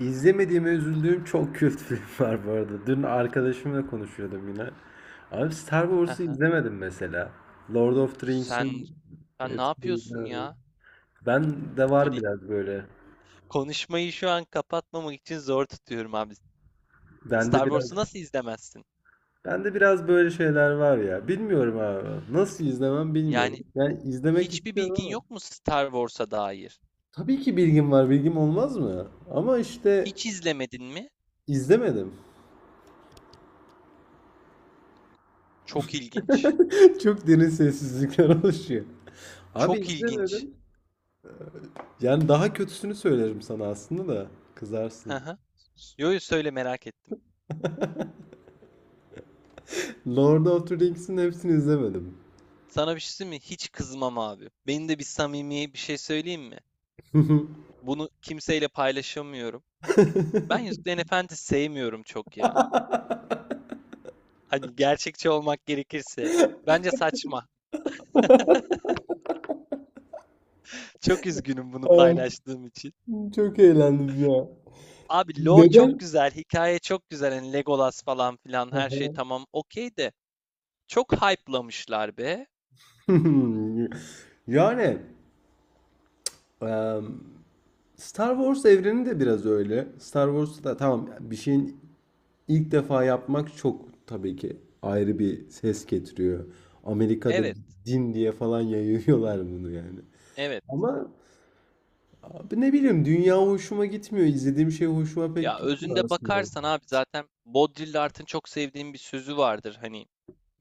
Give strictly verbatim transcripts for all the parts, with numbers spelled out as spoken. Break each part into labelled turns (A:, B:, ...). A: İzlemediğime üzüldüğüm çok kült film var bu arada. Dün arkadaşımla konuşuyordum yine. Abi Star Wars'u
B: Aha.
A: izlemedim mesela. Lord of the
B: Sen
A: Rings'in
B: sen ne
A: hepsini
B: yapıyorsun
A: izlemedim.
B: ya?
A: Ben de var
B: Hani
A: biraz böyle.
B: konuşmayı şu an kapatmamak için zor tutuyorum abi.
A: Bende
B: Star
A: biraz
B: Wars'u nasıl izlemezsin?
A: bende biraz böyle şeyler var ya. Bilmiyorum abi. Nasıl izlemem bilmiyorum.
B: Yani
A: Yani izlemek
B: hiçbir
A: istiyorum
B: bilgin
A: ama.
B: yok mu Star Wars'a dair?
A: Tabii ki bilgim var. Bilgim olmaz mı? Ama işte
B: Hiç izlemedin mi?
A: izlemedim.
B: Çok ilginç.
A: Çok derin sessizlikler oluşuyor. Abi
B: Çok ilginç.
A: izlemedim. Yani daha kötüsünü söylerim sana aslında da
B: Hı
A: kızarsın.
B: hı. Yo yo, söyle merak ettim.
A: Lord of the Rings'in hepsini izlemedim.
B: Sana bir şey söyleyeyim mi? Hiç kızmam abi. Benim de bir samimi bir şey söyleyeyim mi? Bunu kimseyle paylaşamıyorum. Ben Yüzüklerin Efendisi sevmiyorum çok ya. Hani gerçekçi olmak gerekirse. Bence saçma. Çok üzgünüm bunu
A: Evet,
B: paylaştığım için.
A: çok eğlendim ya.
B: Abi lore çok
A: Neden?
B: güzel, hikaye çok güzel. Hani Legolas falan filan her şey tamam okey de. Çok hype'lamışlar be.
A: Yani em, Star Wars evreni de biraz öyle. Star Wars'ta tamam bir şeyin ilk defa yapmak çok tabii ki ayrı bir ses getiriyor. Amerika'da
B: Evet,
A: din diye falan yayıyorlar bunu yani.
B: evet.
A: Ama abi ne bileyim dünya hoşuma gitmiyor. İzlediğim şey hoşuma pek
B: Ya özünde
A: gitmiyor aslında.
B: bakarsan abi zaten Baudrillard'ın çok sevdiğim bir sözü vardır. Hani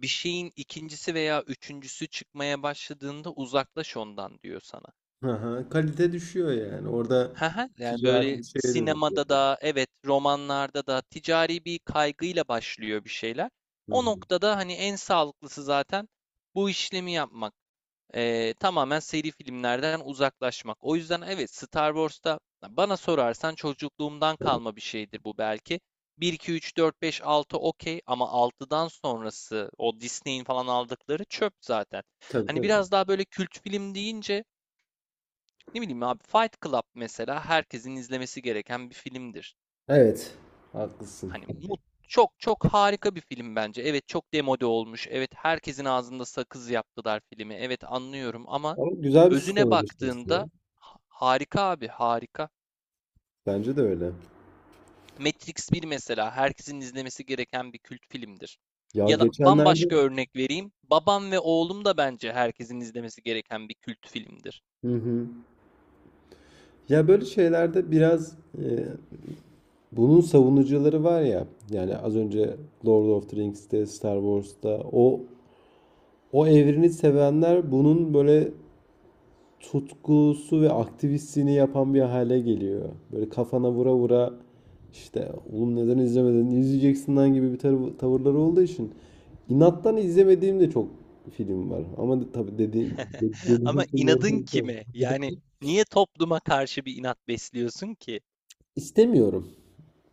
B: bir şeyin ikincisi veya üçüncüsü çıkmaya başladığında uzaklaş ondan diyor sana.
A: Hı hı, kalite düşüyor yani. Orada
B: Hı. Yani
A: ticari
B: böyle
A: bir şeye dönüşüyor.
B: sinemada da evet romanlarda da ticari bir kaygıyla başlıyor bir şeyler.
A: Hı
B: O
A: hı.
B: noktada hani en sağlıklısı zaten bu işlemi yapmak. Ee, tamamen seri filmlerden uzaklaşmak. O yüzden evet Star Wars'ta bana sorarsan çocukluğumdan kalma bir şeydir bu belki. Bir, iki, üç, dört, beş, altı, okey ama altıdan sonrası o Disney'in falan aldıkları çöp zaten.
A: Tabii
B: Hani
A: tabii.
B: biraz daha böyle kült film deyince ne bileyim abi Fight Club mesela herkesin izlemesi gereken bir filmdir.
A: Evet. Haklısın.
B: Hani mut çok çok harika bir film bence. Evet çok demode olmuş. Evet herkesin ağzında sakız yaptılar filmi. Evet anlıyorum ama
A: Ama güzel bir
B: özüne
A: sistem eleştirisi ya.
B: baktığında ha- harika abi harika.
A: Bence de öyle.
B: Matrix bir mesela herkesin izlemesi gereken bir kült filmdir.
A: Ya
B: Ya da
A: geçenlerde.
B: bambaşka örnek vereyim. Babam ve oğlum da bence herkesin izlemesi gereken bir kült filmdir.
A: Hı hı. Ya böyle şeylerde biraz e, bunun savunucuları var ya. Yani az önce Lord of the Rings'te, Star Wars'ta o o evreni sevenler bunun böyle tutkusu ve aktivistliğini yapan bir hale geliyor. Böyle kafana vura vura işte oğlum neden izlemedin izleyeceksin lan gibi bir tar- tavırları olduğu için inattan izlemediğim de çok film var. Ama de- tabii dediğim de- dediğim
B: Ama
A: filmleri de
B: inadın
A: izlerim.
B: kime? Yani niye topluma karşı bir inat besliyorsun ki?
A: İstemiyorum.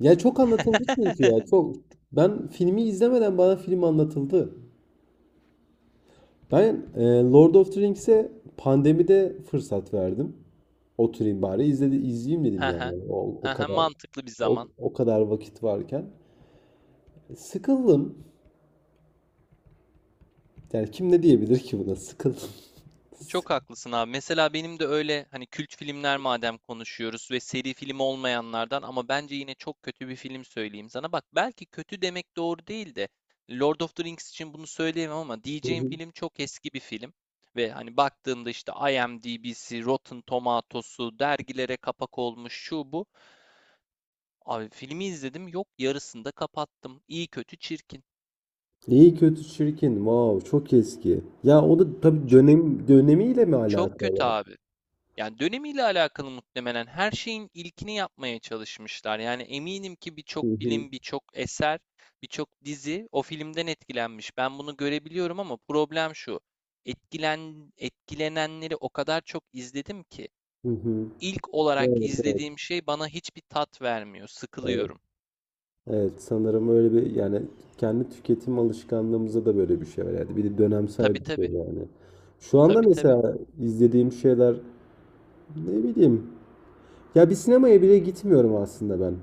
A: Ya çok anlatıldı çünkü ya çok ben filmi izlemeden bana film anlatıldı. Ben e, Lord of the Rings'e pandemide fırsat verdim. Oturayım bari izledi, izleyeyim dedim
B: He he.
A: yani. O,
B: He
A: o
B: he,
A: kadar
B: mantıklı bir
A: o,
B: zaman.
A: o kadar vakit varken. Sıkıldım. Yani kim ne diyebilir ki buna? Sıkıldım.
B: Çok haklısın abi. Mesela benim de öyle hani kült filmler madem konuşuyoruz ve seri film olmayanlardan ama bence yine çok kötü bir film söyleyeyim sana. Bak belki kötü demek doğru değil de Lord of the Rings için bunu söyleyemem ama diyeceğim
A: Sıkıldım.
B: film çok eski bir film. Ve hani baktığımda işte IMDb'si, Rotten Tomatoes'u, dergilere kapak olmuş şu bu. Abi filmi izledim yok yarısında kapattım. İyi kötü çirkin.
A: İyi kötü çirkin. Wow, çok eski. Ya o da tabii
B: Ç-
A: dönem dönemiyle mi
B: Çok kötü
A: alakalı?
B: abi. Yani dönemiyle alakalı muhtemelen her şeyin ilkini yapmaya çalışmışlar. Yani eminim ki
A: Hı
B: birçok
A: hı.
B: film, birçok eser, birçok dizi o filmden etkilenmiş. Ben bunu görebiliyorum ama problem şu. Etkilen, etkilenenleri o kadar çok izledim ki
A: Hı hı.
B: ilk olarak
A: Evet,
B: izlediğim şey bana hiçbir tat vermiyor.
A: evet.
B: Sıkılıyorum.
A: Evet sanırım öyle bir yani kendi tüketim alışkanlığımıza da böyle bir şey var yani. Bir de dönemsel
B: Tabii
A: bir şey
B: tabii.
A: yani. Şu anda
B: Tabii tabii.
A: mesela izlediğim şeyler ne bileyim. Ya bir sinemaya bile gitmiyorum aslında ben.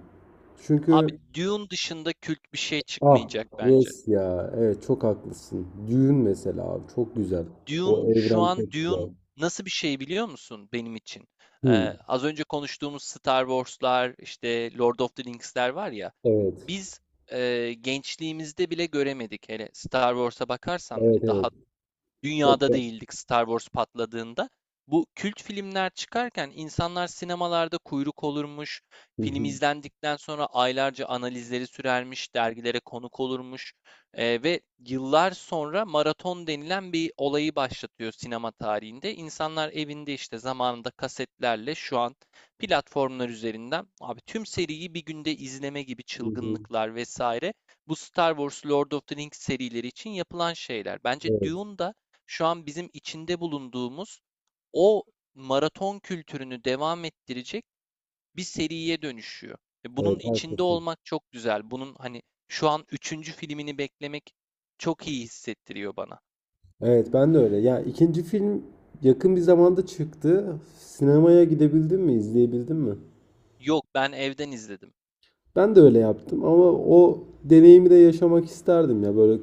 B: Abi
A: Çünkü
B: Dune dışında kült bir şey
A: ah
B: çıkmayacak bence.
A: yes ya evet çok haklısın. Düğün mesela abi çok güzel. O
B: Dune şu
A: evren çok
B: an Dune
A: güzel.
B: nasıl bir şey biliyor musun benim için? Ee,
A: Hı,
B: az önce konuştuğumuz Star Wars'lar, işte Lord of the Rings'ler var ya.
A: evet.
B: Biz e, gençliğimizde bile göremedik. Hele Star Wars'a bakarsan
A: Evet
B: hani
A: evet.
B: daha
A: Çok
B: dünyada
A: da.
B: değildik Star Wars patladığında. Bu kült filmler çıkarken insanlar sinemalarda kuyruk olurmuş,
A: Hı
B: film
A: hı,
B: izlendikten sonra aylarca analizleri sürermiş, dergilere konuk olurmuş eee, ve yıllar sonra maraton denilen bir olayı başlatıyor sinema tarihinde. İnsanlar evinde işte zamanında kasetlerle şu an platformlar üzerinden abi tüm seriyi bir günde izleme gibi
A: hı hı.
B: çılgınlıklar vesaire bu Star Wars, Lord of the Rings serileri için yapılan şeyler. Bence
A: Evet.
B: Dune da şu an bizim içinde bulunduğumuz o maraton kültürünü devam ettirecek bir seriye dönüşüyor. E, Bunun
A: Evet
B: içinde
A: haklısın.
B: olmak çok güzel. Bunun hani şu an üçüncü filmini beklemek çok iyi hissettiriyor bana.
A: Evet ben de öyle. Ya ikinci film yakın bir zamanda çıktı. Sinemaya gidebildin mi, izleyebildin mi?
B: Yok, ben evden izledim.
A: Ben de öyle yaptım ama o deneyimi de yaşamak isterdim ya böyle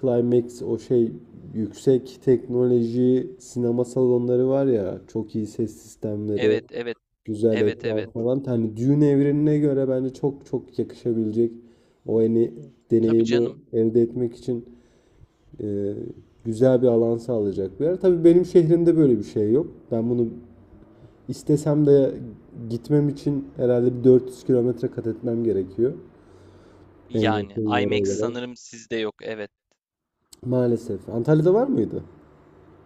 A: climax o şey yüksek teknoloji sinema salonları var ya çok iyi ses sistemleri,
B: Evet, evet,
A: güzel
B: evet,
A: ekran
B: evet.
A: falan. Hani Dune evrenine göre bence çok çok yakışabilecek o hani
B: Tabii
A: deneyimi
B: canım.
A: elde etmek için e, güzel bir alan sağlayacak bir yer. Tabii benim şehrimde böyle bir şey yok. Ben bunu istesem de gitmem için herhalde bir dört yüz kilometre kat etmem gerekiyor. En
B: Yani
A: yakın yere
B: IMAX
A: olarak.
B: sanırım sizde yok. Evet.
A: Maalesef. Antalya'da var mıydı?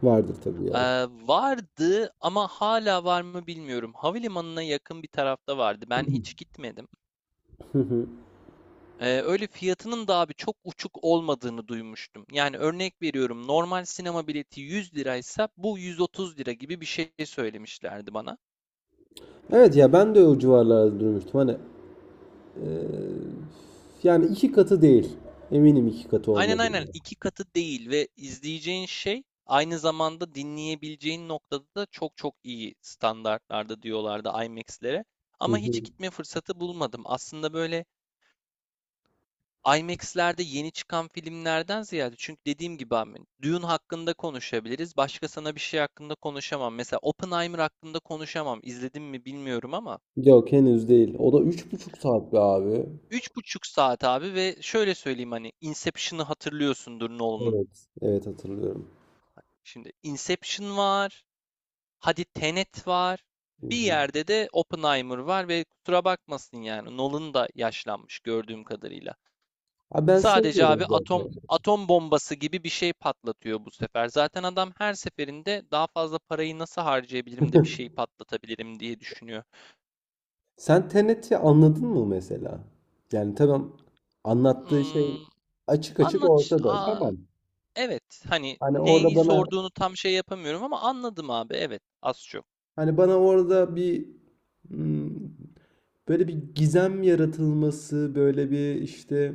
A: Vardır tabii ya.
B: Ee, vardı ama hala var mı bilmiyorum. Havalimanına yakın bir tarafta vardı. Ben hiç gitmedim. Eee, öyle fiyatının da abi çok uçuk olmadığını duymuştum. Yani örnek veriyorum normal sinema bileti yüz liraysa bu yüz otuz lira gibi bir şey söylemişlerdi bana.
A: Evet ya ben de o civarlarda durmuştum. Hani e, yani iki katı değil. Eminim iki katı
B: Aynen
A: olmadı.
B: aynen iki katı değil ve izleyeceğin şey aynı zamanda dinleyebileceğin noktada da çok çok iyi standartlarda diyorlardı IMAX'lere.
A: Hı
B: Ama
A: hı.
B: hiç gitme fırsatı bulmadım. Aslında böyle IMAX'lerde yeni çıkan filmlerden ziyade çünkü dediğim gibi abi Dune hakkında konuşabiliriz. Başka sana bir şey hakkında konuşamam. Mesela Oppenheimer hakkında konuşamam. İzledim mi bilmiyorum ama
A: Yok henüz değil. O da üç buçuk saat be abi.
B: üç buçuk saat abi ve şöyle söyleyeyim hani Inception'ı hatırlıyorsundur Nolan'ın.
A: Evet. Evet hatırlıyorum.
B: Şimdi Inception var. Hadi Tenet var.
A: Hı
B: Bir
A: hı.
B: yerde de Oppenheimer var ve kusura bakmasın yani Nolan da yaşlanmış gördüğüm kadarıyla.
A: Abi ben
B: Sadece abi
A: sevmiyorum
B: atom
A: zaten.
B: atom bombası gibi bir şey patlatıyor bu sefer. Zaten adam her seferinde daha fazla parayı nasıl harcayabilirim de bir şey patlatabilirim diye düşünüyor.
A: Sen Tenet'i anladın mı mesela? Yani tamam anlattığı şey
B: Hmm,
A: açık açık
B: anlat.
A: ortada.
B: Aa,
A: Tamam.
B: evet. Hani
A: Hani orada
B: neyi
A: bana
B: sorduğunu tam şey yapamıyorum ama anladım abi. Evet. Az çok.
A: hani bana orada bir hmm, böyle bir gizem yaratılması, böyle bir işte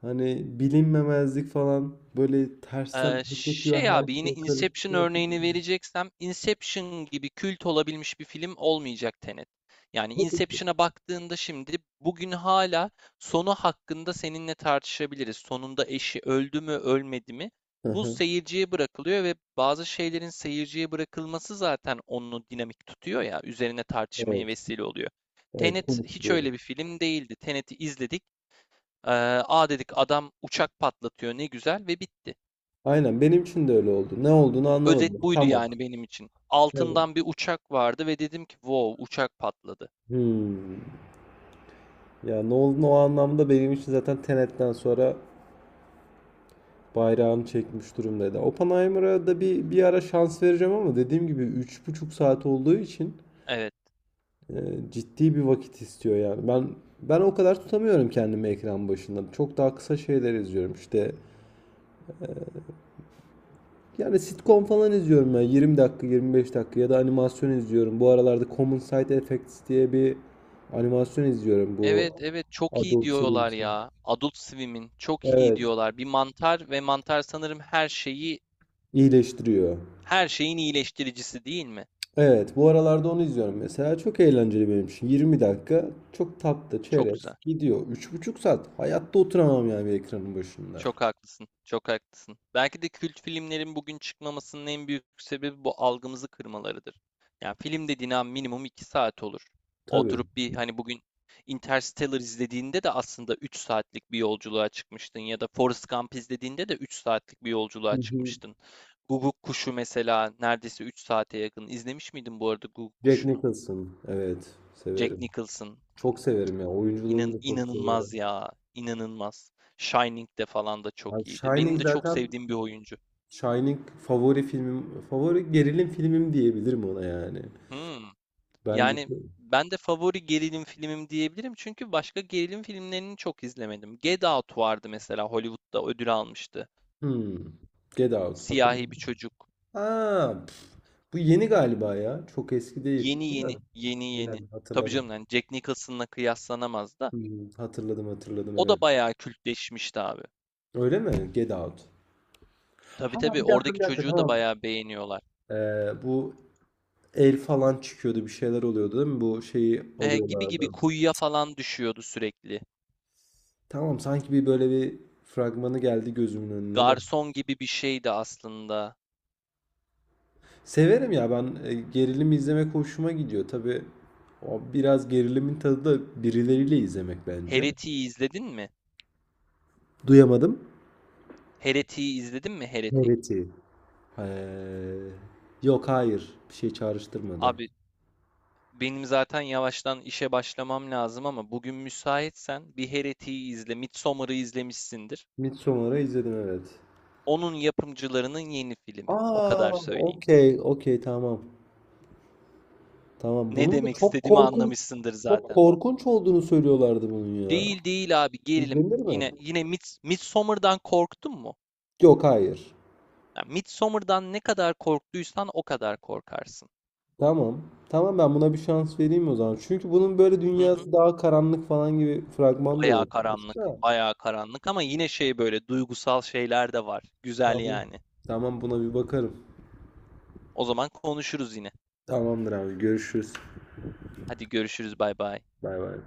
A: hani bilinmemezlik falan böyle tersten
B: Ee,
A: akıtıyor
B: şey
A: her
B: abi yine
A: şey
B: Inception
A: karıştı.
B: örneğini vereceksem Inception gibi kült olabilmiş bir film olmayacak Tenet. Yani
A: Tabii.
B: Inception'a baktığında şimdi bugün hala sonu hakkında seninle tartışabiliriz. Sonunda eşi öldü mü ölmedi mi?
A: Hı
B: Bu
A: hı.
B: seyirciye bırakılıyor ve bazı şeylerin seyirciye bırakılması zaten onu dinamik tutuyor ya üzerine tartışmaya
A: Evet.
B: vesile oluyor.
A: Evet
B: Tenet hiç
A: konuşturuyor.
B: öyle bir film değildi. Tenet'i izledik. Ee, aa dedik adam uçak patlatıyor ne güzel ve bitti.
A: Aynen benim için de öyle oldu. Ne olduğunu
B: Özet
A: anlamadım.
B: buydu
A: Tamam.
B: yani benim için.
A: Evet.
B: Altından bir uçak vardı ve dedim ki wow uçak patladı.
A: Hmm. Ya Nolan o anlamda benim için zaten Tenet'ten sonra bayrağını çekmiş durumdaydı. Oppenheimer'a da bir, bir ara şans vereceğim ama dediğim gibi üç buçuk saat olduğu için
B: Evet.
A: e, ciddi bir vakit istiyor yani. Ben ben o kadar tutamıyorum kendimi ekran başında. Çok daha kısa şeyler izliyorum işte. Yani sitcom falan izliyorum ben yirmi dakika yirmi beş dakika ya da animasyon izliyorum. Bu aralarda Common Side Effects diye bir animasyon izliyorum bu
B: Evet evet çok iyi
A: Adult
B: diyorlar
A: Swim'si.
B: ya. Adult Swim'in çok iyi
A: Evet,
B: diyorlar. Bir mantar ve mantar sanırım her şeyi
A: iyileştiriyor.
B: her şeyin iyileştiricisi değil mi?
A: Evet, bu aralarda onu izliyorum mesela. Çok eğlenceli benim için. Yirmi dakika çok tatlı,
B: Çok
A: çerez
B: güzel.
A: gidiyor. Üç buçuk saat hayatta oturamam yani bir ekranın başında.
B: Çok haklısın. Çok haklısın. Belki de kült filmlerin bugün çıkmamasının en büyük sebebi bu algımızı kırmalarıdır. Yani film dediğin an minimum iki saat olur.
A: Tabii.
B: Oturup bir hani bugün Interstellar izlediğinde de aslında üç saatlik bir yolculuğa çıkmıştın ya da Forrest Gump izlediğinde de üç saatlik bir
A: Hı
B: yolculuğa
A: hı.
B: çıkmıştın. Guguk Kuşu mesela neredeyse üç saate yakın. İzlemiş miydin bu arada Guguk
A: Jack
B: Kuşu'nu?
A: Nicholson. Evet,
B: Jack
A: severim.
B: Nicholson.
A: Çok severim ya. Oyunculuğunu
B: İnan,
A: da çok
B: inanılmaz
A: severim.
B: ya. İnanılmaz. Shining'de falan da
A: Abi
B: çok iyiydi.
A: Shining
B: Benim de çok
A: zaten
B: sevdiğim bir oyuncu.
A: Shining favori filmim, favori gerilim filmim diyebilirim ona yani.
B: Hmm.
A: Bence
B: Yani ben de favori gerilim filmim diyebilirim. Çünkü başka gerilim filmlerini çok izlemedim. Get Out vardı mesela Hollywood'da ödül almıştı.
A: hmm. Get Out.
B: Siyahi
A: Hatırladım.
B: bir çocuk.
A: Aa, pf, bu yeni galiba ya. Çok eski değil.
B: Yeni
A: Değil mi?
B: yeni, yeni yeni.
A: Aynen
B: Tabii
A: hatırladım.
B: canım yani Jack Nicholson'la kıyaslanamaz da.
A: Hmm, hatırladım hatırladım
B: O
A: evet.
B: da bayağı kültleşmişti abi.
A: Öyle mi? Get Out.
B: Tabii
A: Ha
B: tabii
A: bir dakika bir
B: oradaki
A: dakika
B: çocuğu da
A: tamam.
B: bayağı beğeniyorlar.
A: Ee, bu el falan çıkıyordu bir şeyler oluyordu değil mi? Bu şeyi
B: e, gibi gibi
A: alıyorlardı.
B: kuyuya falan düşüyordu sürekli.
A: Tamam sanki bir böyle bir fragmanı geldi gözümün önüne de.
B: Garson gibi bir şeydi aslında.
A: Severim ya ben e, gerilim izlemek hoşuma gidiyor. Tabii o biraz gerilimin tadı da birileriyle izlemek bence.
B: Heretik'i izledin mi?
A: Duyamadım.
B: Heretik'i izledin mi Heretik?
A: Evet. Ee, yok hayır bir şey çağrıştırmadı.
B: Abi benim zaten yavaştan işe başlamam lazım ama bugün müsaitsen bir Heretik'i izle. Midsommar'ı izlemişsindir.
A: Midsommar'ı izledim evet.
B: Onun yapımcılarının yeni filmi. O
A: Aa,
B: kadar söyleyeyim.
A: okey, okey, tamam. Tamam.
B: Ne
A: Bunun da
B: demek
A: çok
B: istediğimi
A: korkunç
B: anlamışsındır
A: çok
B: zaten.
A: korkunç olduğunu söylüyorlardı bunun ya.
B: Değil değil abi gerilim.
A: İzlenir mi?
B: Yine yine Mids Midsommar'dan korktun mu?
A: Yok, hayır.
B: Yani Midsommar'dan ne kadar korktuysan o kadar korkarsın.
A: Tamam. Tamam ben buna bir şans vereyim o zaman. Çünkü bunun böyle
B: Hı hı.
A: dünyası daha karanlık falan gibi fragman da
B: Bayağı
A: yok. İşte.
B: karanlık, bayağı karanlık ama yine şey böyle duygusal şeyler de var. Güzel
A: Tamam.
B: yani.
A: Tamam buna bir bakarım.
B: O zaman konuşuruz yine.
A: Tamamdır abi. Görüşürüz.
B: Hadi görüşürüz, bay bay.
A: Bay bay.